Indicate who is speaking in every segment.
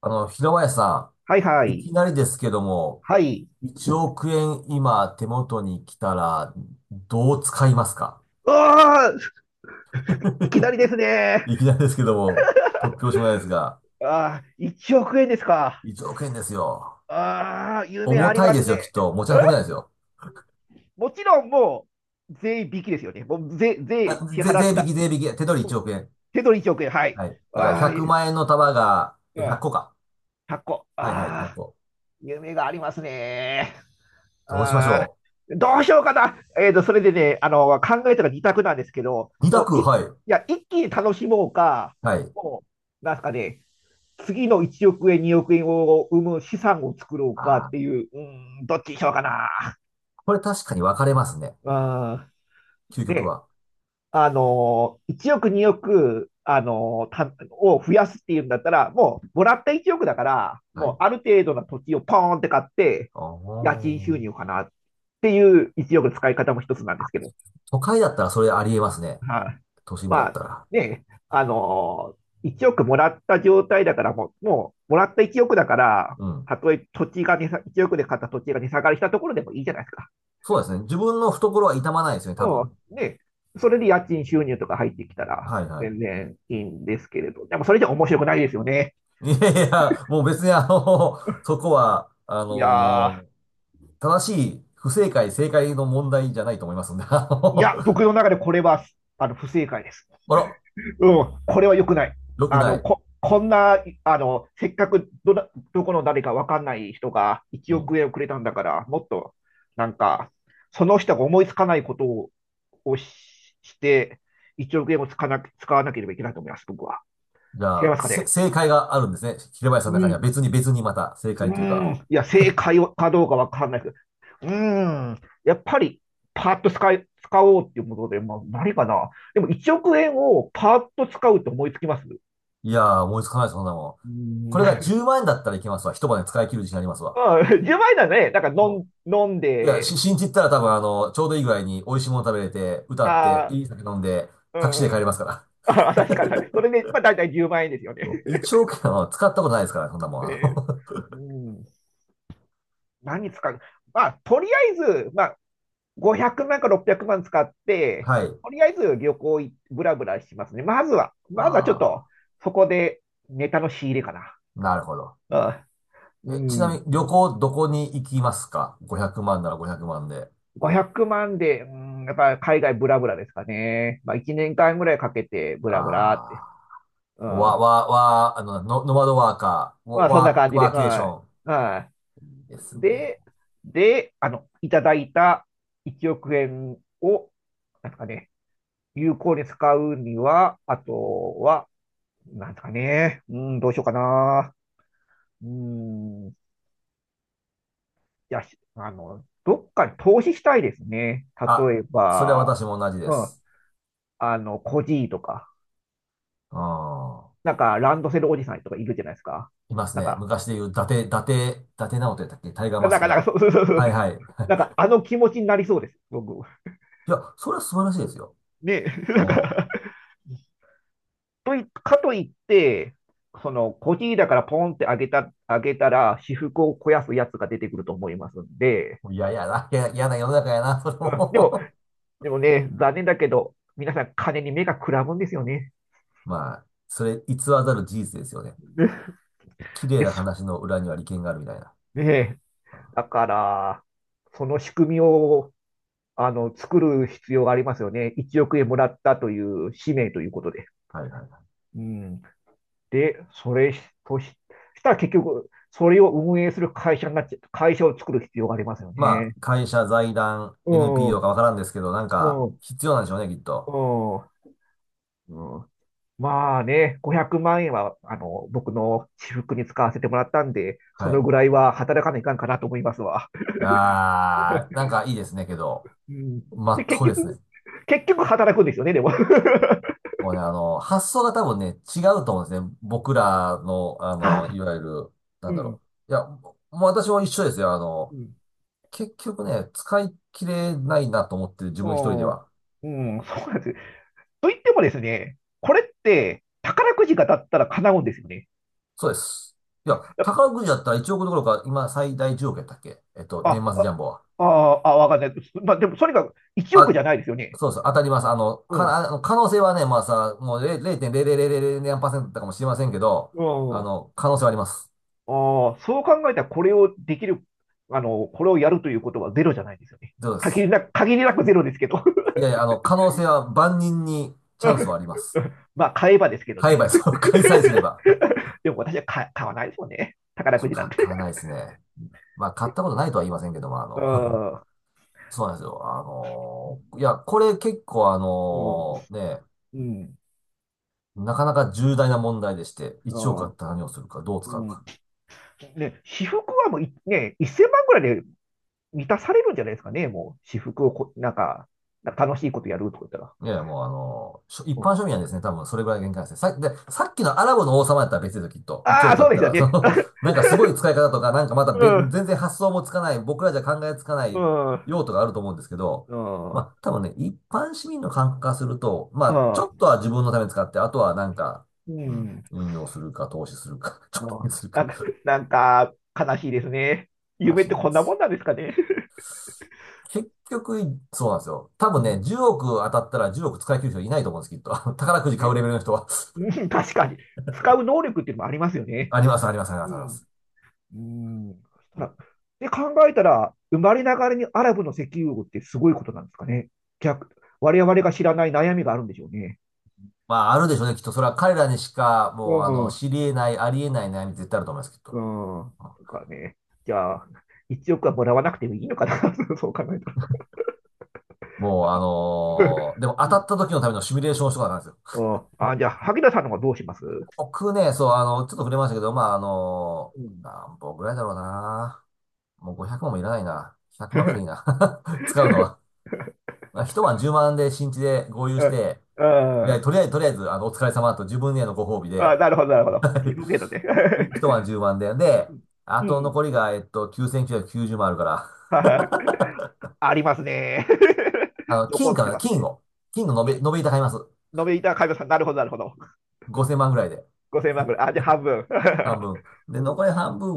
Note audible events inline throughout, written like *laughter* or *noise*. Speaker 1: 平林さ
Speaker 2: はいは
Speaker 1: ん、い
Speaker 2: い。
Speaker 1: きなりですけども、
Speaker 2: はい。
Speaker 1: 1億円今手元に来たら、どう使いますか？
Speaker 2: ああ、いきなりです
Speaker 1: *laughs*
Speaker 2: ね。
Speaker 1: いきなりですけども、突拍子もないですが、
Speaker 2: ああ、1億円ですか。
Speaker 1: 1億円ですよ。
Speaker 2: ああ、夢
Speaker 1: 重
Speaker 2: あり
Speaker 1: たい
Speaker 2: ま
Speaker 1: で
Speaker 2: す
Speaker 1: す
Speaker 2: ね。
Speaker 1: よ、きっと。持ち
Speaker 2: え
Speaker 1: 運べないですよ。
Speaker 2: もちろん税引きですよね。もう税、
Speaker 1: あ、
Speaker 2: 税支払
Speaker 1: 税
Speaker 2: っ
Speaker 1: 引き、
Speaker 2: た。
Speaker 1: 税引き。手取り1億円。
Speaker 2: 手取り1億円。はい。
Speaker 1: はい。だから
Speaker 2: ああ、
Speaker 1: 100万円の束が、
Speaker 2: あ
Speaker 1: 100
Speaker 2: あ、
Speaker 1: 個か。
Speaker 2: 100個。
Speaker 1: はいはい、1
Speaker 2: ああ、
Speaker 1: 個。
Speaker 2: 夢がありますね。
Speaker 1: どうしまし
Speaker 2: ああ、
Speaker 1: ょ
Speaker 2: どうしようかな。それでね、考えたら二択なんですけど、
Speaker 1: う。2
Speaker 2: も
Speaker 1: 択、
Speaker 2: うい、い
Speaker 1: はい。
Speaker 2: や、一気に楽しもうか、
Speaker 1: はい。
Speaker 2: もう、なんすかね、次の1億円、2億円を生む資産を作ろうかっ
Speaker 1: あ
Speaker 2: て
Speaker 1: ー
Speaker 2: いう、うん、どっちにしようかな。
Speaker 1: これ確かに分かれますね。
Speaker 2: うん、
Speaker 1: 究極
Speaker 2: で、
Speaker 1: は。
Speaker 2: 1億、2億、あのたを増やすっていうんだったら、もう、もらった1億だから、
Speaker 1: は
Speaker 2: もう、
Speaker 1: い。
Speaker 2: ある程度の土地をポーンって買って、
Speaker 1: あ
Speaker 2: 家賃収入
Speaker 1: あ。
Speaker 2: かなっていう1億の使い方も一つなんですけど。
Speaker 1: 都会だったらそれありえますね。
Speaker 2: はい。
Speaker 1: 都心部だ
Speaker 2: ま
Speaker 1: った
Speaker 2: あ、
Speaker 1: ら。
Speaker 2: ね、1億もらった状態だから、もう、もらった1億だから、
Speaker 1: うん。
Speaker 2: たとえ土地が1億で買った土地が値下がりしたところでもいいじゃないですか。
Speaker 1: そうですね。自分の懐は痛まないですね、多
Speaker 2: う
Speaker 1: 分。
Speaker 2: ん。ね、それで家賃収入とか入ってきたら、
Speaker 1: はいは
Speaker 2: 全然いいんですけれど。でも、それじゃ面白くないですよね。
Speaker 1: い。*laughs* いやいや、もう別に*laughs* そこは、
Speaker 2: いや
Speaker 1: 正しい不正解、正解の問題じゃないと思いますんで、
Speaker 2: ー、いや、僕
Speaker 1: *laughs*
Speaker 2: の中でこれは、不正解です。
Speaker 1: あら、
Speaker 2: うん、これは良くない。
Speaker 1: 良くない。
Speaker 2: こんな、せっかくどこの誰かわかんない人が1
Speaker 1: う
Speaker 2: 億
Speaker 1: ん。
Speaker 2: 円をくれたんだから、もっと、なんか、その人が思いつかないことを、をし、して、1億円を使わなければいけないと思います、僕は。
Speaker 1: じゃ
Speaker 2: 違いま
Speaker 1: あ、
Speaker 2: すかね。
Speaker 1: 正解があるんですね。平林さん
Speaker 2: う
Speaker 1: の中には
Speaker 2: ん。
Speaker 1: 別にまた正
Speaker 2: う
Speaker 1: 解というか。
Speaker 2: ん。いや、正解かどうかわかんないけど、うん。やっぱり、パーッと使おうっていうことで、まあ、何かな。でも1億円をパーッと使うって思いつきます？
Speaker 1: いやー、思いつかないです、そんなもん。
Speaker 2: ー
Speaker 1: これ
Speaker 2: ん
Speaker 1: が10万円だったらいけますわ。一晩で使い切る自信ありますわ。
Speaker 2: うん、10万円ならね、だから
Speaker 1: も
Speaker 2: 飲ん
Speaker 1: いや、
Speaker 2: で、
Speaker 1: 新地行ったら多分ちょうどいい具合に美味しいもの食べれて、歌って、
Speaker 2: あ
Speaker 1: いい酒飲んで、
Speaker 2: ー、う
Speaker 1: タクシー
Speaker 2: ん
Speaker 1: で
Speaker 2: う
Speaker 1: 帰れ
Speaker 2: ん。
Speaker 1: ますから。
Speaker 2: あ、*laughs* 確かに。それで、まあ大体10万円ですよね。
Speaker 1: そう億円は使ったことないですから、そんな
Speaker 2: *laughs*
Speaker 1: もん。
Speaker 2: ねえ。うん。何使うまあ、とりあえず、まあ、500万か600万使っ
Speaker 1: *laughs*
Speaker 2: て、
Speaker 1: はい。
Speaker 2: とりあえず旅行い、ブラブラしますね。まずはちょっ
Speaker 1: あ
Speaker 2: と、
Speaker 1: あ、
Speaker 2: そこでネタの仕入れかな。
Speaker 1: なるほど。
Speaker 2: う
Speaker 1: え、ち
Speaker 2: ん。う
Speaker 1: なみに
Speaker 2: ん、
Speaker 1: 旅行どこに行きますか？ 500 万なら500万で。
Speaker 2: 500万で、うん、やっぱ海外ブラブラですかね。まあ、1年間ぐらいかけてブ
Speaker 1: あ
Speaker 2: ラブラって。う
Speaker 1: あ、わ、
Speaker 2: ん。
Speaker 1: わ、わ、あの、ノ、ノマドワーカー、
Speaker 2: まあ、そんな
Speaker 1: ワ
Speaker 2: 感じで、
Speaker 1: ワーケーシ
Speaker 2: は
Speaker 1: ョン。
Speaker 2: い。は
Speaker 1: いいです
Speaker 2: い。
Speaker 1: ね。
Speaker 2: で、いただいた1億円を、なんすかね、有効に使うには、あとは、なんすかね、うん、どうしようかな。うん、いや、しあの、どっかに投資したいですね。
Speaker 1: あ、
Speaker 2: 例え
Speaker 1: それは
Speaker 2: ば、
Speaker 1: 私も同じで
Speaker 2: う
Speaker 1: す。
Speaker 2: ん、コジーとか、
Speaker 1: うん。
Speaker 2: なんか、ランドセルおじさんとかいるじゃないですか。
Speaker 1: います
Speaker 2: なん
Speaker 1: ね。
Speaker 2: か、
Speaker 1: 昔で言う、伊達直人やったっけタイガーマスクの。
Speaker 2: そうそうそうそう、
Speaker 1: はいはい。
Speaker 2: なんか、あの気持ちになりそうです、僕。
Speaker 1: いや、それは素晴らしいですよ。
Speaker 2: ね、*laughs* な
Speaker 1: う
Speaker 2: んかといかといって、その、小切りだからポンって上げたら、私腹を肥やすやつが出てくると思いますんで、
Speaker 1: ん。いや、いやな、いや、嫌な世の中やな、それ
Speaker 2: うんでも、
Speaker 1: も
Speaker 2: でもね、残念だけど、皆さん金に目がくらむんですよね。
Speaker 1: *laughs* まあ、それ偽らざる事実ですよね。綺麗
Speaker 2: で、
Speaker 1: な
Speaker 2: そ
Speaker 1: 話の裏には利権があるみたいな。
Speaker 2: ね
Speaker 1: うんは
Speaker 2: だから、その仕組みを、作る必要がありますよね。1億円もらったという使命ということで。
Speaker 1: いはいはい。
Speaker 2: うん。で、それとし、したら結局、それを運営する会社になっちゃ、会社を作る必要がありますよ
Speaker 1: ま
Speaker 2: ね。
Speaker 1: あ、会社、財団、
Speaker 2: う
Speaker 1: NPO
Speaker 2: ん。
Speaker 1: かわからんですけど、なん
Speaker 2: う
Speaker 1: か、
Speaker 2: ん、
Speaker 1: 必要なんでしょうね、きっと。
Speaker 2: うん、うん。まあね、500万円は、僕の私服に使わせてもらったんで、そ
Speaker 1: は
Speaker 2: の
Speaker 1: い。
Speaker 2: ぐらいは働かないかんかなと思いますわ。
Speaker 1: なんかいいですね、けど、
Speaker 2: うん。
Speaker 1: ま
Speaker 2: で、
Speaker 1: っ
Speaker 2: 結
Speaker 1: とうです
Speaker 2: 局、
Speaker 1: ね。
Speaker 2: 結局働くんですよね、でも。
Speaker 1: もうね、発想が多分ね、違うと思うんですね。僕らの、
Speaker 2: *laughs*
Speaker 1: い
Speaker 2: あ、
Speaker 1: わゆる、な
Speaker 2: う
Speaker 1: んだ
Speaker 2: ん、
Speaker 1: ろう。いや、もう私も一緒ですよ。
Speaker 2: うん、
Speaker 1: 結局ね、使い切れないなと思ってる、自
Speaker 2: う
Speaker 1: 分一人で
Speaker 2: ん、
Speaker 1: は。
Speaker 2: うん、そうなんです。と言ってもですね、これって宝くじが当たったら叶うんですよね。
Speaker 1: そうです。いや、
Speaker 2: だか
Speaker 1: 宝くじだったら1億どころか、今最大10億やったっけ
Speaker 2: ら、
Speaker 1: 年末ジャンボは。
Speaker 2: あ、あ、わかんない。まあ、でもそれが1億じゃ
Speaker 1: あ、
Speaker 2: ないですよね。
Speaker 1: そうです当たります。あの、
Speaker 2: うん、
Speaker 1: か、
Speaker 2: う
Speaker 1: あの、可能性はね、まあさ、もう0 0.0000何かもしれませんけど、
Speaker 2: ん。
Speaker 1: 可能性はあります。
Speaker 2: ああ、そう考えたらこれをできる、これをやるということはゼロじゃないですよね。
Speaker 1: そうで
Speaker 2: 限り
Speaker 1: す。
Speaker 2: なく、限りなくゼロですけど。
Speaker 1: いやいや、可能性は万人にチャンスはあります。
Speaker 2: *laughs* まあ、買えばですけど
Speaker 1: 買え
Speaker 2: ね。
Speaker 1: ば、開催すれば。*laughs*
Speaker 2: *laughs* でも私は買わないですもんね。
Speaker 1: あ、
Speaker 2: 宝く
Speaker 1: そう
Speaker 2: じなん
Speaker 1: か、
Speaker 2: て。
Speaker 1: 買わないですね。まあ、買ったこ
Speaker 2: *laughs*
Speaker 1: とないとは言いませんけども、
Speaker 2: うん。う
Speaker 1: そうなんですよ。いや、これ結構
Speaker 2: ん。
Speaker 1: ね、
Speaker 2: うん。
Speaker 1: なかなか重大な問題でして、1億あったら何をするか、どう
Speaker 2: う
Speaker 1: 使うか。
Speaker 2: ん。ね、私服はもうい、ね、1000万ぐらいで満たされるんじゃないですかね。もう、私服をこ、なんか、なんか楽しいことやるとか言ったら。
Speaker 1: いやいや、もうあのーしょ一
Speaker 2: う
Speaker 1: 般
Speaker 2: ん、
Speaker 1: 庶民はですね、多分それぐらいが限界なんですね。で、さっきのアラブの王様やったら別ですよ、きっと。1
Speaker 2: ああ、
Speaker 1: 億あ
Speaker 2: そう
Speaker 1: っ
Speaker 2: で
Speaker 1: た
Speaker 2: すよ
Speaker 1: ら、
Speaker 2: ね。
Speaker 1: *laughs* なんかすごい使い方とか、なんかまた
Speaker 2: *laughs*
Speaker 1: 別、
Speaker 2: うん。
Speaker 1: 全然発想もつかない、僕らじゃ考えつかな
Speaker 2: う
Speaker 1: い
Speaker 2: ん。
Speaker 1: 用途があると思うんですけど、
Speaker 2: うん。う
Speaker 1: ま
Speaker 2: ん。
Speaker 1: あ、多分ね、一般市民の感覚からすると、まあ、ちょっとは自分のために使って、あとはなんか、
Speaker 2: う
Speaker 1: うん、
Speaker 2: ん。
Speaker 1: 運用するか、投資するか、*laughs* 貯
Speaker 2: うん、
Speaker 1: 金する
Speaker 2: な
Speaker 1: か
Speaker 2: んか、なんか悲しいですね。
Speaker 1: ら
Speaker 2: 夢
Speaker 1: し
Speaker 2: っ
Speaker 1: い
Speaker 2: て
Speaker 1: んで
Speaker 2: こんなも
Speaker 1: す。
Speaker 2: んなんですかね。
Speaker 1: 結局、そうなんですよ。多
Speaker 2: う
Speaker 1: 分ね、
Speaker 2: ん、
Speaker 1: 10億当たったら10億使い切る人いないと思うんです、きっと。*laughs* 宝くじ買う
Speaker 2: ね。
Speaker 1: レベルの人は。
Speaker 2: うん、確かに。使う能力っていうのもありますよ
Speaker 1: *laughs*
Speaker 2: ね。
Speaker 1: あります、あります、ありま
Speaker 2: う
Speaker 1: す、ありま
Speaker 2: ん。
Speaker 1: す。
Speaker 2: うん。そしたらで、考えたら、生まれながらにアラブの石油王ってすごいことなんですかね。逆、我々が知らない悩みがあるんでしょうね。
Speaker 1: まあ、あるでしょうね、きっと。それは彼らにしか、
Speaker 2: う
Speaker 1: もう、
Speaker 2: ん。う
Speaker 1: 知り得ない、あり得ない悩み絶対あると思います、きっと。
Speaker 2: ん。
Speaker 1: うん
Speaker 2: とかね。じゃあ、一億はもらわなくてもいいのかな。*laughs* そう考えたら。
Speaker 1: もう、でも当た
Speaker 2: *laughs*
Speaker 1: った時のためのシミュレーションをしとかなんですよ。
Speaker 2: うん。あ、じゃあ、萩田さんの方はどうします？
Speaker 1: 僕ね、そう、ちょっと触れましたけど、まあ、
Speaker 2: うん。
Speaker 1: 何本ぐらいだろうな。もう500万もいらないな。100万ぐらいでいいな。
Speaker 2: *laughs*
Speaker 1: *laughs* 使うのはまあ一晩10万で新地で合流
Speaker 2: う
Speaker 1: し
Speaker 2: ん。
Speaker 1: て、とりあ
Speaker 2: う
Speaker 1: えず、
Speaker 2: ん。
Speaker 1: とりあえず、とりあえずお疲れ様と自分へのご褒美
Speaker 2: あ、
Speaker 1: で、
Speaker 2: なるほど、なるほど。自分ゲートね。
Speaker 1: *laughs* 一晩10万で、
Speaker 2: *laughs*
Speaker 1: あ
Speaker 2: う
Speaker 1: と残
Speaker 2: ん。
Speaker 1: りが、9990万あるから、
Speaker 2: はい。ありますね。*laughs* 残
Speaker 1: 金
Speaker 2: っ
Speaker 1: か
Speaker 2: て
Speaker 1: な、
Speaker 2: ますね。
Speaker 1: 金の
Speaker 2: 金、
Speaker 1: 延べ板買います。
Speaker 2: 飲いた買いまし、なるほど、なるほど。
Speaker 1: 5000万ぐらいで、
Speaker 2: 5000万ぐらい。あ、じゃあ半分。
Speaker 1: 半分。で、残り
Speaker 2: *laughs*
Speaker 1: 半分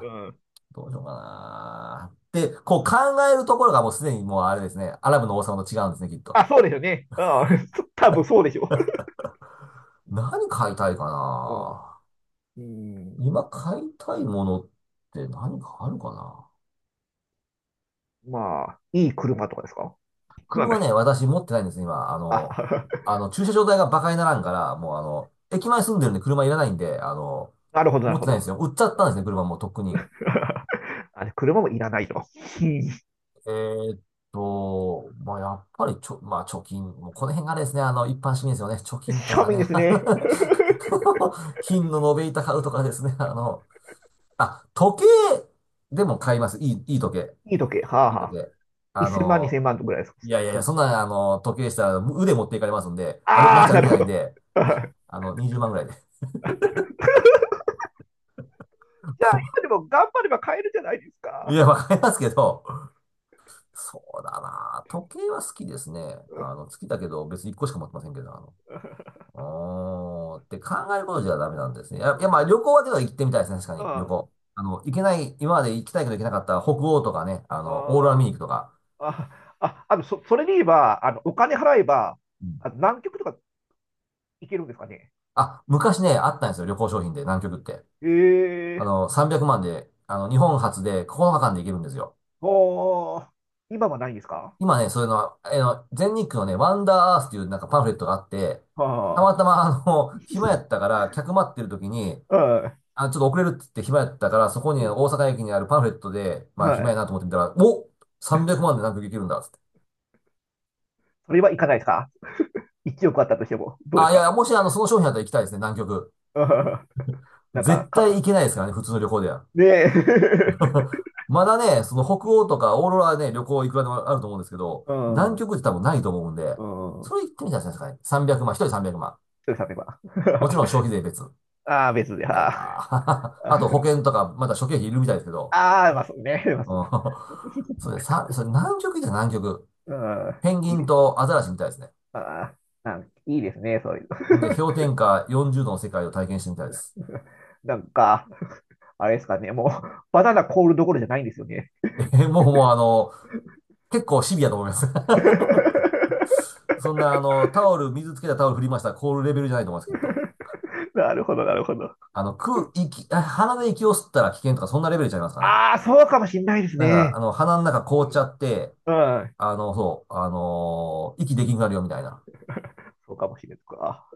Speaker 2: うん。うん。
Speaker 1: どうしようかな。で、こう考えるところがもうすでにもうあれですね、アラブの王様と違うんですね、きっと。
Speaker 2: あ、そうですよね。うん。*laughs* 多分そうでしょ
Speaker 1: 何買いたいか
Speaker 2: う。
Speaker 1: な。
Speaker 2: うん。
Speaker 1: 今買いたいものって何かあ
Speaker 2: う
Speaker 1: る
Speaker 2: ん。
Speaker 1: かな。
Speaker 2: まあ、いい車とかですか？そうなんで
Speaker 1: 車
Speaker 2: す。
Speaker 1: ね、私持ってないんですよ、今。
Speaker 2: あ、
Speaker 1: 駐車場代が馬鹿にならんから、もう駅前住んでるんで車いらないんで、
Speaker 2: *laughs* なるほど、な
Speaker 1: 持
Speaker 2: る
Speaker 1: って
Speaker 2: ほ
Speaker 1: ないん
Speaker 2: ど。
Speaker 1: ですよ。売っちゃったんですね、車もうとっくに。
Speaker 2: *laughs* あれ、車もいらないと。うん、
Speaker 1: えーっまあ、やっぱりまあ、貯金、もうこの辺があれですね、一般市民ですよね。貯金と
Speaker 2: 庶
Speaker 1: かね。
Speaker 2: 民ですね。
Speaker 1: *laughs* 金の延べ板買うとかですね、あ、時計でも買います。いい、いい時計。
Speaker 2: *laughs* いい時計。はあ
Speaker 1: いい
Speaker 2: は
Speaker 1: 時
Speaker 2: あ。
Speaker 1: 計。あ
Speaker 2: 1000万、
Speaker 1: の、
Speaker 2: 2000万ぐらいですか。
Speaker 1: いやいやい
Speaker 2: そ
Speaker 1: や、
Speaker 2: の
Speaker 1: そんな、時計でしたら腕持っていかれますんで、街
Speaker 2: な
Speaker 1: 歩け
Speaker 2: るほ
Speaker 1: ないん
Speaker 2: ど。
Speaker 1: で、
Speaker 2: *laughs* じゃ
Speaker 1: 20万ぐらいで。*laughs*
Speaker 2: あ、
Speaker 1: こ
Speaker 2: 今でも頑張れば買えるじゃないです
Speaker 1: い
Speaker 2: か。
Speaker 1: や、わかりますけど、そうだな。時計は好きですね。好きだけど、別に1個しか持ってませんけど、うーん、って考えることじゃダメなんですね。
Speaker 2: う
Speaker 1: いやまあ、
Speaker 2: ん、
Speaker 1: 旅行はでは行ってみたいですね、確か
Speaker 2: あ
Speaker 1: に、旅
Speaker 2: あ、
Speaker 1: 行。行けない、今まで行きたいけど行けなかった北欧とかね、オーロラ見
Speaker 2: あ
Speaker 1: に行くとか。
Speaker 2: あ、それで言えば、お金払えば、
Speaker 1: うん
Speaker 2: 南極とか行けるんですかね。
Speaker 1: あ、昔ね、あったんですよ、旅行商品で、南極って。
Speaker 2: ええ
Speaker 1: 300万で、日本初で9日間で行けるんですよ。
Speaker 2: おー、今はないんですか？
Speaker 1: 今ね、そういうのは、全日空のね、ワンダーアースっていうなんかパンフレットがあって、たま
Speaker 2: は
Speaker 1: たま*laughs* 暇やったから、客待ってる時に、
Speaker 2: あ、は
Speaker 1: あ、ちょっと遅れるって言って暇やったから、そこに
Speaker 2: い、う
Speaker 1: ね大
Speaker 2: ん、
Speaker 1: 阪駅にあるパンフレットで、まあ
Speaker 2: は
Speaker 1: 暇や
Speaker 2: い。
Speaker 1: なと思ってみたら、お！ 300 万で南極行けるんだっつって。
Speaker 2: それは行かないですか？ 1 億あったとしても、どうで
Speaker 1: あ、
Speaker 2: す
Speaker 1: い
Speaker 2: か？
Speaker 1: やもしその商品だったら行きたいですね、南極。
Speaker 2: うん、なん
Speaker 1: 絶
Speaker 2: か、
Speaker 1: 対行けないですからね、普通の旅行では。
Speaker 2: ねえ。
Speaker 1: *laughs* まだね、その北欧とかオーロラはね、旅行いくらでもあると思うんですけど、
Speaker 2: *laughs* う
Speaker 1: 南
Speaker 2: ん、うん、
Speaker 1: 極って多分ないと思うんで、
Speaker 2: そ
Speaker 1: それ行ってみたらいですかね。300万、一人300万。
Speaker 2: うです、例えば。
Speaker 1: もち
Speaker 2: *laughs*
Speaker 1: ろん消費税別。
Speaker 2: ああ、別で、
Speaker 1: 高い
Speaker 2: あ
Speaker 1: な
Speaker 2: あ、
Speaker 1: あ。*laughs* あと保
Speaker 2: *laughs*
Speaker 1: 険とか、まだ諸経費いるみたいですけど。
Speaker 2: ああ、まあそうね、*laughs* まあ
Speaker 1: う
Speaker 2: そう、
Speaker 1: ん。*laughs* それ南極。
Speaker 2: うん、
Speaker 1: ペンギ
Speaker 2: いい
Speaker 1: ン
Speaker 2: です。
Speaker 1: とアザラシみたいですね。
Speaker 2: ああ、いいですね、そういうの。
Speaker 1: ほんで、氷点下40度の世界を体験してみたいです。
Speaker 2: *laughs* なんか、あれですかね、もう、バナナ凍るどころじゃないんですよね。
Speaker 1: *laughs* え、もうもう結構シビアと思います。
Speaker 2: *laughs*
Speaker 1: *laughs* そんなタオル、水つけたタオル振りましたら凍るレベルじゃないと思います、きっと。
Speaker 2: なるほど、なるほど。
Speaker 1: あ鼻で息を吸ったら危険とか、そんなレベルちゃいますかね。
Speaker 2: ああ、そうかもしんないです
Speaker 1: なんか、
Speaker 2: ね。
Speaker 1: 鼻の中凍
Speaker 2: う
Speaker 1: っちゃ
Speaker 2: ん、
Speaker 1: って、
Speaker 2: うん、
Speaker 1: そう、息できなくなるよみたいな。
Speaker 2: そうかもしれない。か。